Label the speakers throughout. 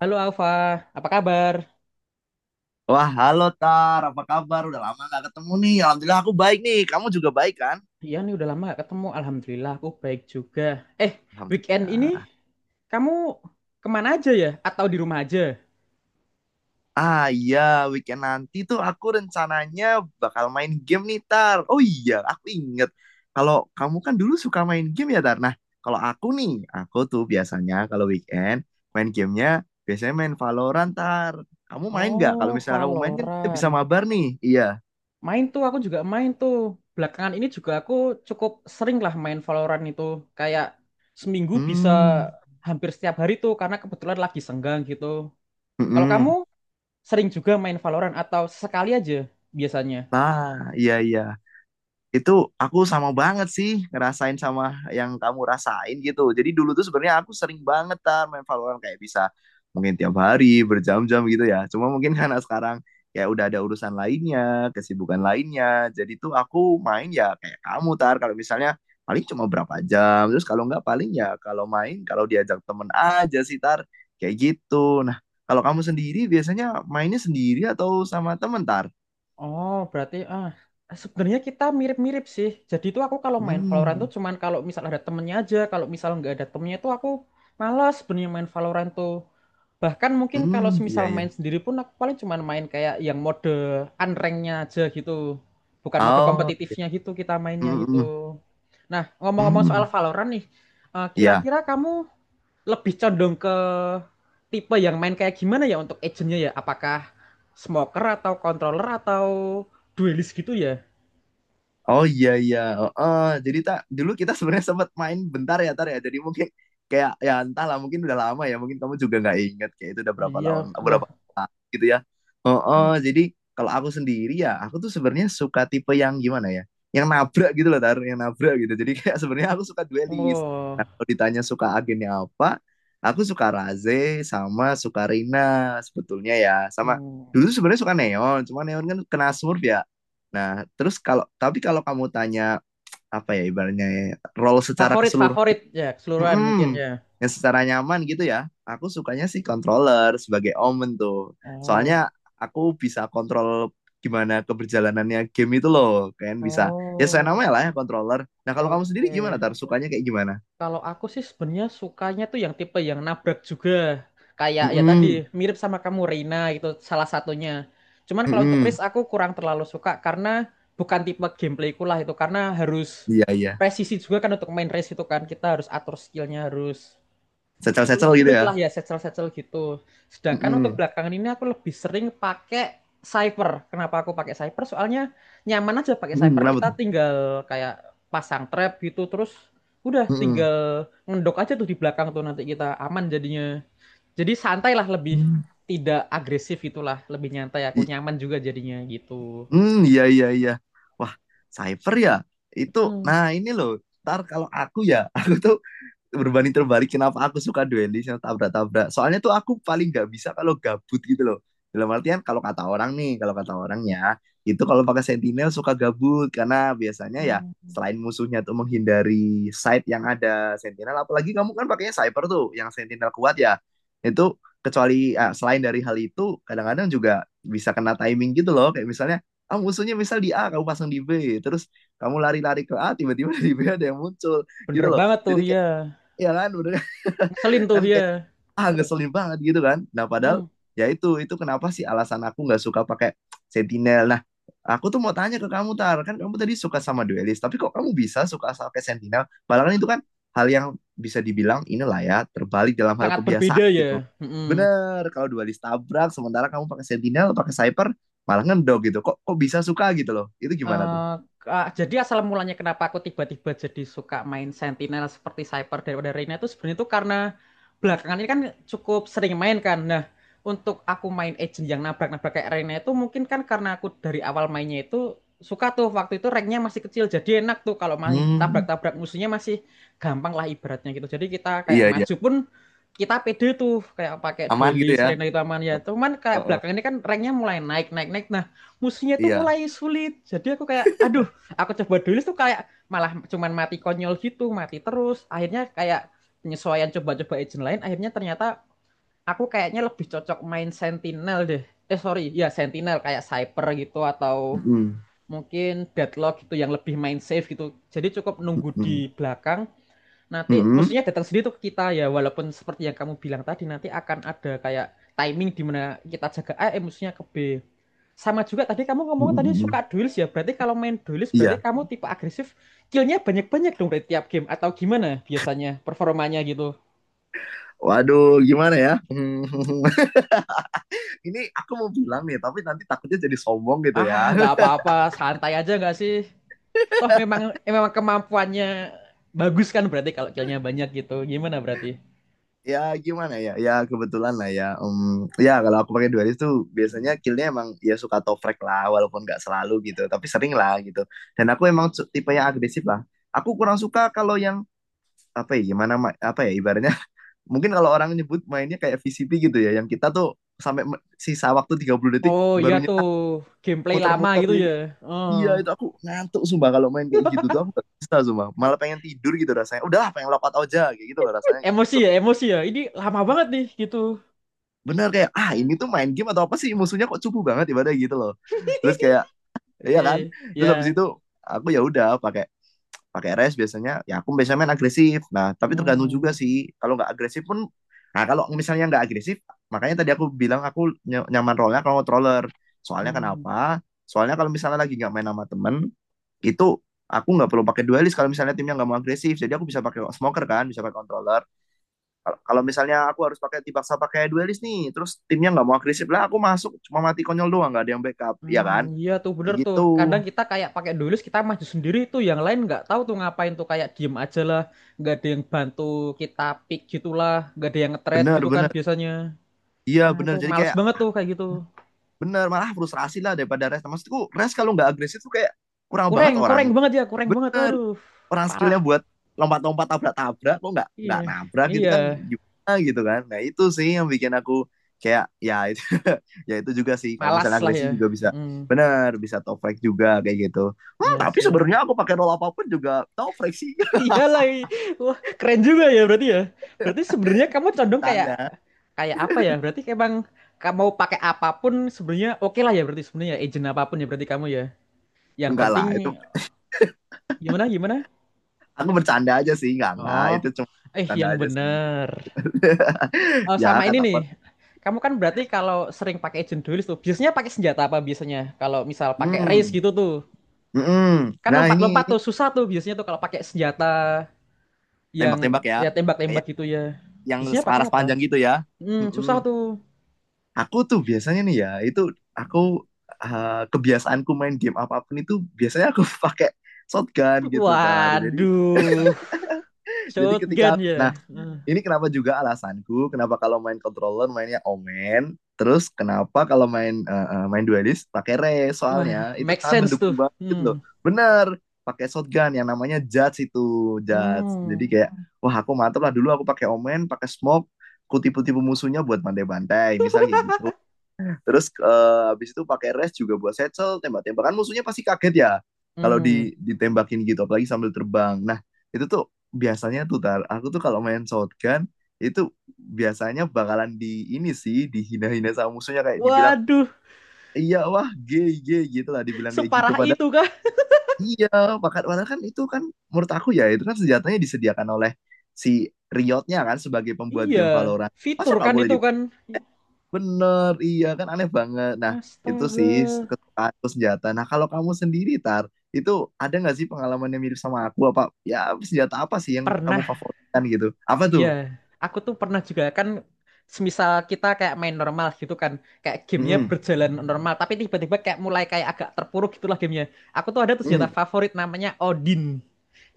Speaker 1: Halo Alfa, apa kabar?
Speaker 2: Wah, halo Tar, apa kabar? Udah lama gak ketemu nih. Alhamdulillah aku baik nih. Kamu juga baik kan?
Speaker 1: Iya nih udah lama gak ketemu. Alhamdulillah aku baik juga. Eh, weekend ini
Speaker 2: Alhamdulillah.
Speaker 1: kamu kemana aja ya? Atau di rumah aja?
Speaker 2: Ah iya, weekend nanti tuh aku rencananya bakal main game nih Tar. Oh iya, aku inget. Kalau kamu kan dulu suka main game ya Tar. Nah, kalau aku nih, aku tuh biasanya kalau weekend main gamenya biasanya main Valorant Tar. Kamu main nggak? Kalau
Speaker 1: Oh,
Speaker 2: misalnya kamu main kan kita bisa
Speaker 1: Valorant.
Speaker 2: mabar nih. Iya.
Speaker 1: Main tuh, aku juga main tuh. Belakangan ini juga aku cukup sering lah main Valorant itu. Kayak seminggu bisa
Speaker 2: Hmm.
Speaker 1: hampir setiap hari tuh karena kebetulan lagi senggang gitu. Kalau kamu
Speaker 2: Mm-mm.
Speaker 1: sering juga main Valorant atau sekali aja biasanya?
Speaker 2: Ah, iya iya. Itu aku sama banget sih ngerasain sama yang kamu rasain gitu. Jadi dulu tuh sebenarnya aku sering banget Tar, main Valorant kayak bisa mungkin tiap hari berjam-jam gitu ya. Cuma mungkin karena sekarang kayak udah ada urusan lainnya, kesibukan lainnya. Jadi tuh aku main ya kayak kamu Tar kalau misalnya paling cuma berapa jam. Terus kalau nggak paling ya kalau main kalau diajak temen aja sih Tar. Kayak gitu. Nah, kalau kamu sendiri biasanya mainnya sendiri atau sama temen Tar?
Speaker 1: Oh, berarti sebenarnya kita mirip-mirip sih. Jadi itu aku kalau main Valorant tuh
Speaker 2: Hmm.
Speaker 1: cuman kalau misal ada temennya aja. Kalau misal nggak ada temennya tuh aku malas sebenarnya main Valorant tuh. Bahkan mungkin kalau
Speaker 2: Hmm,
Speaker 1: semisal
Speaker 2: iya
Speaker 1: main
Speaker 2: iya.
Speaker 1: sendiri pun aku paling cuman main kayak yang mode unranknya aja gitu. Bukan mode
Speaker 2: Oh,
Speaker 1: kompetitifnya gitu kita mainnya gitu.
Speaker 2: mhm,
Speaker 1: Nah, ngomong-ngomong soal
Speaker 2: mhm.
Speaker 1: Valorant nih,
Speaker 2: Iya.
Speaker 1: kira-kira kamu lebih condong ke tipe yang main kayak gimana ya untuk agentnya ya? Apakah smoker atau controller atau duelist gitu ya?
Speaker 2: Oh iya iya. Heeh. Jadi tak dulu kita sebenarnya sempat main bentar ya Tar ya. Jadi mungkin kayak ya entahlah mungkin udah lama ya. Mungkin kamu juga nggak ingat kayak itu udah
Speaker 1: Oh,
Speaker 2: berapa
Speaker 1: iya,
Speaker 2: lama
Speaker 1: udah.
Speaker 2: gitu ya. Oh,
Speaker 1: Hmm.
Speaker 2: oh, jadi kalau aku sendiri ya, aku tuh sebenarnya suka tipe yang gimana ya? Yang nabrak gitu loh, Tar, yang nabrak gitu. Jadi kayak sebenarnya aku suka duelis. Nah,
Speaker 1: Oh.
Speaker 2: kalau ditanya suka agennya apa, aku suka Raze sama suka Rina sebetulnya ya. Sama
Speaker 1: Hmm.
Speaker 2: dulu sebenarnya suka Neon, cuma Neon kan kena Smurf ya. Nah, terus kalau tapi kalau kamu tanya apa ya ibaratnya ya, role secara
Speaker 1: Favorit
Speaker 2: keseluruhan.
Speaker 1: favorit ya keseluruhan mungkin
Speaker 2: Mm-mm.
Speaker 1: ya.
Speaker 2: Yang secara nyaman gitu ya. Aku sukanya sih controller sebagai omen tuh.
Speaker 1: Oh,
Speaker 2: Soalnya aku bisa kontrol gimana keberjalanannya game itu loh. Kan bisa. Ya saya namanya
Speaker 1: oh,
Speaker 2: lah ya controller. Nah
Speaker 1: oke
Speaker 2: kalau kamu sendiri gimana
Speaker 1: oke.
Speaker 2: Tar? Sukanya kayak gimana?
Speaker 1: Kalau aku sih sebenarnya sukanya tuh yang tipe yang nabrak juga. Kayak ya tadi
Speaker 2: Mm-mm.
Speaker 1: mirip sama kamu Reina gitu salah satunya. Cuman kalau untuk Riz
Speaker 2: Mm-mm.
Speaker 1: aku kurang terlalu suka karena bukan tipe gameplayku lah itu karena harus
Speaker 2: Iya iya.
Speaker 1: presisi juga kan untuk main race itu kan kita harus atur skillnya harus sulit,
Speaker 2: Secel-secel gitu
Speaker 1: sulit
Speaker 2: ya.
Speaker 1: lah ya setsel-setsel gitu. Sedangkan untuk
Speaker 2: Mm-mm.
Speaker 1: belakangan ini aku lebih sering pakai Cypher. Kenapa aku pakai Cypher? Soalnya nyaman aja pakai
Speaker 2: Mm-mm.
Speaker 1: Cypher.
Speaker 2: Kenapa
Speaker 1: Kita
Speaker 2: tuh?
Speaker 1: tinggal kayak pasang trap gitu terus udah
Speaker 2: Mm-mm.
Speaker 1: tinggal ngendok aja tuh di belakang tuh nanti kita aman jadinya. Jadi santai lah lebih
Speaker 2: Mm.
Speaker 1: tidak agresif itulah lebih nyantai aku
Speaker 2: I-
Speaker 1: nyaman juga jadinya gitu.
Speaker 2: mm, iya iya iya. Wah, cyber ya. Itu,
Speaker 1: Mm.
Speaker 2: nah ini loh. Ntar kalau aku ya, aku tuh berbanding terbalik kenapa aku suka duelis yang tabrak-tabrak. Soalnya tuh aku paling nggak bisa kalau gabut gitu loh. Dalam artian kalau kata orang nih, kalau kata orangnya itu kalau pakai sentinel suka gabut karena biasanya ya
Speaker 1: Hmm.
Speaker 2: selain musuhnya tuh menghindari site yang ada sentinel, apalagi kamu kan pakainya cyber tuh yang sentinel kuat ya. Itu kecuali selain dari hal itu kadang-kadang juga bisa kena timing gitu loh kayak misalnya musuhnya misal di A kamu pasang di B terus kamu lari-lari ke A tiba-tiba di B ada yang muncul gitu
Speaker 1: Bener
Speaker 2: loh
Speaker 1: banget tuh
Speaker 2: jadi
Speaker 1: ya.
Speaker 2: kayak, iya kan bener kan?
Speaker 1: Ngeselin tuh
Speaker 2: Kan
Speaker 1: ya.
Speaker 2: kayak, ah,
Speaker 1: Terus.
Speaker 2: ngeselin banget gitu kan, nah padahal
Speaker 1: Mm.
Speaker 2: ya itu kenapa sih alasan aku nggak suka pakai sentinel. Nah aku tuh mau tanya ke kamu Tar, kan kamu tadi suka sama duelist, tapi kok kamu bisa suka sama pakai sentinel padahal kan itu kan hal yang bisa dibilang inilah ya, terbalik dalam hal
Speaker 1: Sangat
Speaker 2: kebiasaan
Speaker 1: berbeda
Speaker 2: gitu.
Speaker 1: ya. Mm-mm.
Speaker 2: Bener kalau duelist tabrak, sementara kamu pakai sentinel pakai sniper malah ngendog gitu, kok kok bisa suka gitu loh, itu gimana tuh?
Speaker 1: Eh, jadi asal mulanya kenapa aku tiba-tiba jadi suka main Sentinel seperti Cyper daripada Reyna itu sebenarnya itu karena belakangan ini kan cukup sering main kan. Nah, untuk aku main agent yang nabrak-nabrak kayak Reyna itu mungkin kan karena aku dari awal mainnya itu suka tuh waktu itu ranknya masih kecil jadi enak tuh kalau main
Speaker 2: Hmm,
Speaker 1: tabrak-tabrak musuhnya masih gampang lah ibaratnya gitu. Jadi kita kayak
Speaker 2: iya iya.
Speaker 1: maju pun kita pede tuh kayak pakai
Speaker 2: Aman gitu
Speaker 1: duelist
Speaker 2: ya.
Speaker 1: Reyna gitu aman ya.
Speaker 2: Eh,
Speaker 1: Cuman
Speaker 2: eh,
Speaker 1: kayak
Speaker 2: eh,
Speaker 1: belakangan ini kan ranknya mulai naik naik naik musuhnya tuh
Speaker 2: iya.
Speaker 1: mulai sulit. Jadi aku kayak, aduh, aku coba dulu tuh kayak malah cuman mati konyol gitu, mati terus. Akhirnya kayak penyesuaian coba-coba agent lain, akhirnya ternyata aku kayaknya lebih cocok main Sentinel deh. Eh sorry, ya Sentinel kayak Cyper gitu atau
Speaker 2: Mm-mm.
Speaker 1: mungkin Deadlock gitu yang lebih main safe gitu. Jadi cukup nunggu di
Speaker 2: Mm-mm.
Speaker 1: belakang, nanti
Speaker 2: Mm-mm.
Speaker 1: maksudnya datang sendiri tuh ke kita ya walaupun seperti yang kamu bilang tadi nanti akan ada kayak timing di mana kita jaga A, eh musuhnya ke B. Sama juga tadi kamu ngomong tadi
Speaker 2: Mm-mm.
Speaker 1: suka duels ya. Berarti kalau main duels berarti
Speaker 2: Iya.
Speaker 1: kamu tipe agresif. Killnya banyak-banyak dong dari tiap game. Atau gimana biasanya performanya gitu?
Speaker 2: Waduh, gimana ya? Hmm, ini aku mau bilang nih, tapi nanti takutnya jadi sombong gitu
Speaker 1: Ah
Speaker 2: ya.
Speaker 1: nggak apa-apa. Santai aja nggak sih? Toh memang memang kemampuannya bagus kan berarti kalau killnya banyak gitu. Gimana berarti?
Speaker 2: Ya gimana ya? Ya kebetulan lah ya. Ya kalau aku pakai dualis tuh biasanya killnya emang ya suka toprek lah, walaupun nggak selalu gitu, tapi sering lah gitu. Dan aku emang tipe yang agresif lah. Aku kurang suka kalau yang apa ya gimana, apa ya ibaratnya, mungkin kalau orang nyebut mainnya kayak VCP gitu ya, yang kita tuh sampai sisa waktu 30 detik
Speaker 1: Oh iya
Speaker 2: baru
Speaker 1: tuh.
Speaker 2: nyetak,
Speaker 1: Gameplay lama
Speaker 2: muter-muter
Speaker 1: gitu ya.
Speaker 2: gitu.
Speaker 1: Oh.
Speaker 2: Iya itu aku ngantuk sumpah, kalau main kayak gitu tuh aku gak bisa, sumpah malah pengen tidur gitu rasanya, udahlah pengen lock out aja kayak gitu loh rasanya, kayak
Speaker 1: Emosi
Speaker 2: gitu
Speaker 1: ya, emosi ya. Ini lama banget nih gitu.
Speaker 2: bener, kayak ah
Speaker 1: Ah.
Speaker 2: ini tuh main game atau apa sih, musuhnya kok cupu banget ibadah gitu loh. Terus kayak, iya kan,
Speaker 1: Oke,
Speaker 2: terus habis
Speaker 1: ya.
Speaker 2: itu aku ya udah pakai pakai rest biasanya. Ya aku biasanya main agresif, nah tapi tergantung juga
Speaker 1: Hmm.
Speaker 2: sih. Kalau nggak agresif pun, nah kalau misalnya nggak agresif, makanya tadi aku bilang aku nyaman role kalau controller. Soalnya
Speaker 1: Hmm.
Speaker 2: kenapa, soalnya kalau misalnya lagi nggak main sama temen, itu aku nggak perlu pakai duelist kalau misalnya timnya nggak mau agresif, jadi aku bisa pakai smoker, kan bisa pakai controller. Kalau kalau misalnya aku harus pakai, dipaksa pakai duelist nih, terus timnya nggak mau agresif lah, aku masuk cuma mati konyol doang, nggak ada yang backup ya kan,
Speaker 1: Hmm, iya tuh
Speaker 2: kayak
Speaker 1: bener tuh.
Speaker 2: gitu.
Speaker 1: Kadang kita kayak pakai dulus kita maju sendiri tuh, yang lain nggak tahu tuh ngapain tuh kayak diem aja lah, nggak ada yang bantu kita pick gitulah, nggak ada yang nge-thread
Speaker 2: Bener
Speaker 1: gitu kan
Speaker 2: bener.
Speaker 1: biasanya.
Speaker 2: Iya
Speaker 1: Ah
Speaker 2: bener,
Speaker 1: itu
Speaker 2: jadi
Speaker 1: males
Speaker 2: kayak,
Speaker 1: banget tuh kayak gitu.
Speaker 2: bener, malah frustrasi lah daripada Rest. Maksudku, Rest kalau nggak agresif tuh kayak kurang banget
Speaker 1: Kurang,
Speaker 2: orang.
Speaker 1: kurang banget ya, kurang banget.
Speaker 2: Bener,
Speaker 1: Aduh,
Speaker 2: orang
Speaker 1: parah.
Speaker 2: skillnya buat lompat-lompat tabrak-tabrak, kok nggak
Speaker 1: Iya,
Speaker 2: nggak nabrak gitu
Speaker 1: iya,
Speaker 2: kan, gimana gitu kan. Nah itu sih yang bikin aku kayak ya itu ya itu juga sih, kalau
Speaker 1: malas
Speaker 2: misalnya
Speaker 1: lah
Speaker 2: agresif
Speaker 1: ya.
Speaker 2: juga bisa,
Speaker 1: Hmm,
Speaker 2: bener, bisa toprak juga kayak gitu. Hmm,
Speaker 1: iya
Speaker 2: tapi
Speaker 1: sih.
Speaker 2: sebenarnya aku pakai roll apapun juga toprak sih.
Speaker 1: Iya lagi. Wah, keren juga ya. Berarti sebenarnya kamu condong kayak
Speaker 2: Bercanda,
Speaker 1: kayak apa ya? Berarti emang kamu mau pakai apapun sebenarnya oke lah ya berarti sebenarnya agent apapun ya berarti kamu ya. Yang
Speaker 2: enggak lah
Speaker 1: penting
Speaker 2: itu,
Speaker 1: gimana gimana?
Speaker 2: aku bercanda aja sih, enggak
Speaker 1: Oh,
Speaker 2: itu, cuma
Speaker 1: eh
Speaker 2: bercanda
Speaker 1: yang
Speaker 2: aja sih.
Speaker 1: bener. Oh,
Speaker 2: Ya
Speaker 1: sama ini
Speaker 2: kata
Speaker 1: nih.
Speaker 2: orang.
Speaker 1: Kamu kan berarti kalau sering pakai agent duelist tuh, biasanya pakai senjata apa biasanya? Kalau misal pakai race
Speaker 2: Hmm.
Speaker 1: gitu tuh.
Speaker 2: Mm-mm.
Speaker 1: Kan
Speaker 2: Nah ini.
Speaker 1: lompat-lompat tuh susah tuh biasanya tuh kalau pakai senjata yang
Speaker 2: Tembak-tembak ya.
Speaker 1: ya tembak-tembak
Speaker 2: Kayak
Speaker 1: gitu ya.
Speaker 2: yang
Speaker 1: Biasanya pakai
Speaker 2: selaras
Speaker 1: apa?
Speaker 2: panjang gitu ya.
Speaker 1: Hmm, susah
Speaker 2: Mm-mm.
Speaker 1: tuh.
Speaker 2: Aku tuh biasanya nih ya, itu aku kebiasaanku main game apapun itu biasanya aku pakai shotgun gitu Tar. Jadi
Speaker 1: Waduh,
Speaker 2: jadi ketika,
Speaker 1: shotgun ya.
Speaker 2: nah,
Speaker 1: Eh.
Speaker 2: ini kenapa juga alasanku, kenapa kalau main controller mainnya Omen, terus kenapa kalau main main duelist pakai Rey,
Speaker 1: Wah,
Speaker 2: soalnya itu
Speaker 1: make
Speaker 2: sangat
Speaker 1: sense
Speaker 2: mendukung
Speaker 1: tuh.
Speaker 2: banget loh.
Speaker 1: Hmm.
Speaker 2: Bener, pakai shotgun yang namanya Judge itu, Judge.
Speaker 1: Hmm.
Speaker 2: Jadi kayak, wah aku mantep lah, dulu aku pakai Omen, pakai Smoke, ku tipu-tipu musuhnya buat bantai-bantai, misalnya kayak gitu. Terus habis itu pakai res juga buat settle, tembak-tembakan, musuhnya pasti kaget ya kalau
Speaker 1: Hmm.
Speaker 2: ditembakin gitu apalagi sambil terbang. Nah, itu tuh biasanya tuh Tar, aku tuh kalau main shotgun itu biasanya bakalan di ini sih, dihina-hina sama musuhnya, kayak dibilang,
Speaker 1: Waduh,
Speaker 2: iya wah gay gay gitu lah, dibilang kayak gitu,
Speaker 1: separah
Speaker 2: padahal
Speaker 1: itu kah?
Speaker 2: iya padahal padahal kan itu kan, menurut aku ya, itu kan senjatanya disediakan oleh si Riotnya kan sebagai pembuat
Speaker 1: Iya,
Speaker 2: game Valorant, masa
Speaker 1: fitur
Speaker 2: nggak
Speaker 1: kan
Speaker 2: boleh
Speaker 1: itu kan.
Speaker 2: dipakai? Bener, iya kan, aneh banget. Nah, itu sih
Speaker 1: Astaga.
Speaker 2: kesukaan atau senjata. Nah, kalau kamu sendiri, Tar, itu ada nggak sih pengalaman yang mirip sama aku? Apa ya, senjata apa sih yang kamu
Speaker 1: Pernah,
Speaker 2: favoritkan gitu? Apa tuh?
Speaker 1: iya. Aku tuh pernah juga kan semisal kita kayak main normal gitu kan. Kayak gamenya
Speaker 2: Mm-mm.
Speaker 1: berjalan normal, tapi tiba-tiba kayak mulai kayak agak terpuruk gitulah gamenya. Aku tuh ada tuh senjata
Speaker 2: Mm.
Speaker 1: favorit namanya Odin.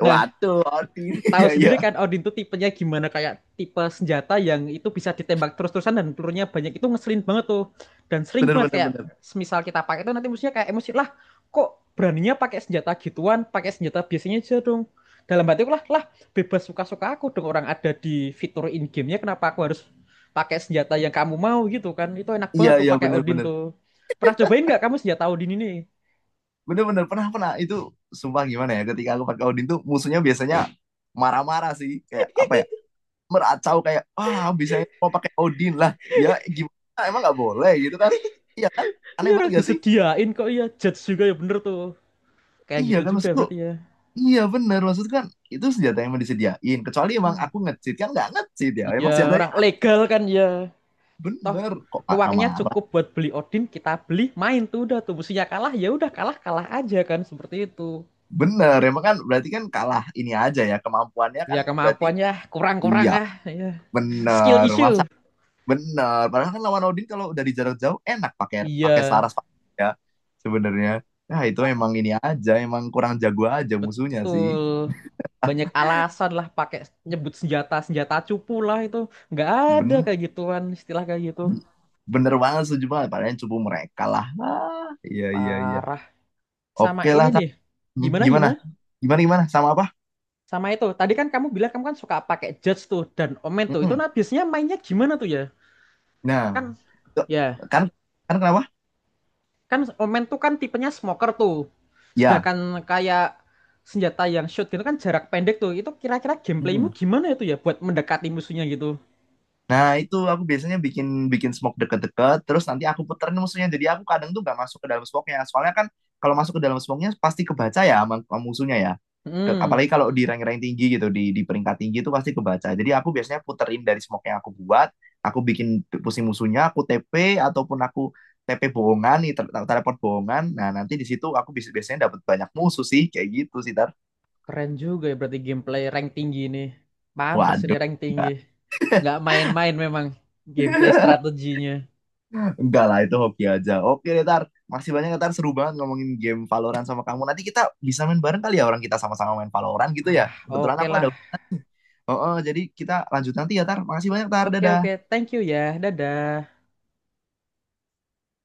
Speaker 1: Nah,
Speaker 2: Waduh, hati.
Speaker 1: tahu
Speaker 2: Iya,
Speaker 1: sendiri
Speaker 2: iya.
Speaker 1: kan Odin tuh tipenya gimana kayak tipe senjata yang itu bisa ditembak terus-terusan dan pelurunya banyak itu ngeselin banget tuh dan sering
Speaker 2: Bener,
Speaker 1: banget
Speaker 2: bener,
Speaker 1: kayak
Speaker 2: bener.
Speaker 1: semisal kita pakai itu nanti musuhnya kayak emosi lah kok beraninya pakai senjata gituan pakai senjata biasanya aja dong dalam hatiku lah lah bebas suka-suka aku dong orang ada di fitur in gamenya kenapa aku harus pakai senjata yang kamu mau gitu kan itu enak
Speaker 2: Iya,
Speaker 1: banget tuh
Speaker 2: iya,
Speaker 1: pakai
Speaker 2: bener,
Speaker 1: Odin
Speaker 2: bener.
Speaker 1: tuh pernah cobain nggak kamu senjata Odin ini
Speaker 2: Bener, bener. Pernah, pernah. Itu sumpah gimana ya? Ketika aku pakai Odin tuh musuhnya biasanya marah-marah sih. Kayak apa ya? Meracau kayak, wah bisa ya, mau pakai Odin lah. Ya, gimana? Emang nggak boleh gitu kan? Iya kan? Aneh
Speaker 1: iya
Speaker 2: banget
Speaker 1: orang
Speaker 2: gak sih?
Speaker 1: disediain kok iya judge juga ya bener tuh kayak
Speaker 2: Iya
Speaker 1: gitu
Speaker 2: kan
Speaker 1: juga
Speaker 2: maksudku,
Speaker 1: berarti ya.
Speaker 2: iya bener maksudku kan, itu senjata yang emang disediain. Kecuali emang
Speaker 1: Hmm.
Speaker 2: aku nge-cheat, kan nggak nge-cheat ya.
Speaker 1: Iya,
Speaker 2: Emang senjatanya
Speaker 1: orang legal kan ya. Toh
Speaker 2: bener, kok marah
Speaker 1: uangnya
Speaker 2: marah.
Speaker 1: cukup buat beli Odin, kita beli, main tuh udah tuh musuhnya kalah ya udah kalah-kalah aja kan seperti itu.
Speaker 2: Bener emang, kan berarti kan kalah ini aja ya kemampuannya
Speaker 1: Iya,
Speaker 2: kan, berarti
Speaker 1: kemampuannya kurang-kurang
Speaker 2: iya
Speaker 1: ah. Iya. Skill
Speaker 2: bener,
Speaker 1: issue.
Speaker 2: masa bener. Padahal kan lawan Odin kalau dari jarak jauh enak pakai pakai
Speaker 1: Iya,
Speaker 2: Saras, pakai, ya sebenarnya. Nah itu
Speaker 1: Pak.
Speaker 2: emang ini aja, emang kurang jago aja musuhnya sih.
Speaker 1: Betul. Banyak alasan lah pakai nyebut senjata senjata cupu lah itu. Nggak ada
Speaker 2: Ben
Speaker 1: kayak gituan istilah kayak gitu.
Speaker 2: ben- Bener banget, setuju banget. Padahal yang cupu mereka lah. Ah, iya iya iya.
Speaker 1: Parah. Sama
Speaker 2: Oke
Speaker 1: ini
Speaker 2: lah.
Speaker 1: nih.
Speaker 2: Hmm,
Speaker 1: Gimana
Speaker 2: gimana?
Speaker 1: gimana?
Speaker 2: Gimana gimana? Sama apa?
Speaker 1: Sama itu. Tadi kan kamu bilang kamu kan suka pakai judge tuh dan omen tuh. Itu
Speaker 2: Hmm.
Speaker 1: nah biasanya mainnya gimana tuh ya?
Speaker 2: Nah,
Speaker 1: Kan
Speaker 2: tuh,
Speaker 1: ya
Speaker 2: kan kan kenapa?
Speaker 1: kan omen tuh kan tipenya smoker tuh
Speaker 2: Ya.
Speaker 1: sedangkan kayak senjata yang shoot gitu kan jarak pendek tuh itu kira-kira gameplaymu
Speaker 2: Hmm.
Speaker 1: gimana itu ya buat mendekati musuhnya gitu.
Speaker 2: Nah, itu aku biasanya bikin bikin smoke deket-deket, terus nanti aku puterin musuhnya. Jadi aku kadang tuh nggak masuk ke dalam smoke-nya. Soalnya kan kalau masuk ke dalam smoke-nya pasti kebaca ya sama musuhnya ya.
Speaker 1: Hmm.
Speaker 2: Apalagi kalau di rank-rank tinggi gitu, di peringkat tinggi itu pasti kebaca. Jadi aku biasanya puterin dari smoke yang aku buat, aku bikin pusing musuhnya, aku TP ataupun aku TP bohongan, nih, teleport bohongan. Nah, nanti di situ aku biasanya dapat banyak musuh sih, kayak gitu sih, Tar.
Speaker 1: Keren juga ya berarti gameplay rank tinggi ini pantas ini
Speaker 2: Waduh.
Speaker 1: rank tinggi nggak main-main memang gameplay strateginya
Speaker 2: Enggak lah, itu hoki aja. Oke deh, Tar. Makasih banyak, ya, Tar. Seru banget ngomongin game Valorant sama kamu. Nanti kita bisa main bareng kali ya, orang kita sama-sama main Valorant gitu ya.
Speaker 1: ah
Speaker 2: Kebetulan
Speaker 1: oke
Speaker 2: aku ada
Speaker 1: lah
Speaker 2: urusan. Oh, oh, jadi kita lanjut nanti ya, Tar. Makasih banyak, Tar.
Speaker 1: oke oke
Speaker 2: Dadah.
Speaker 1: thank you ya dadah.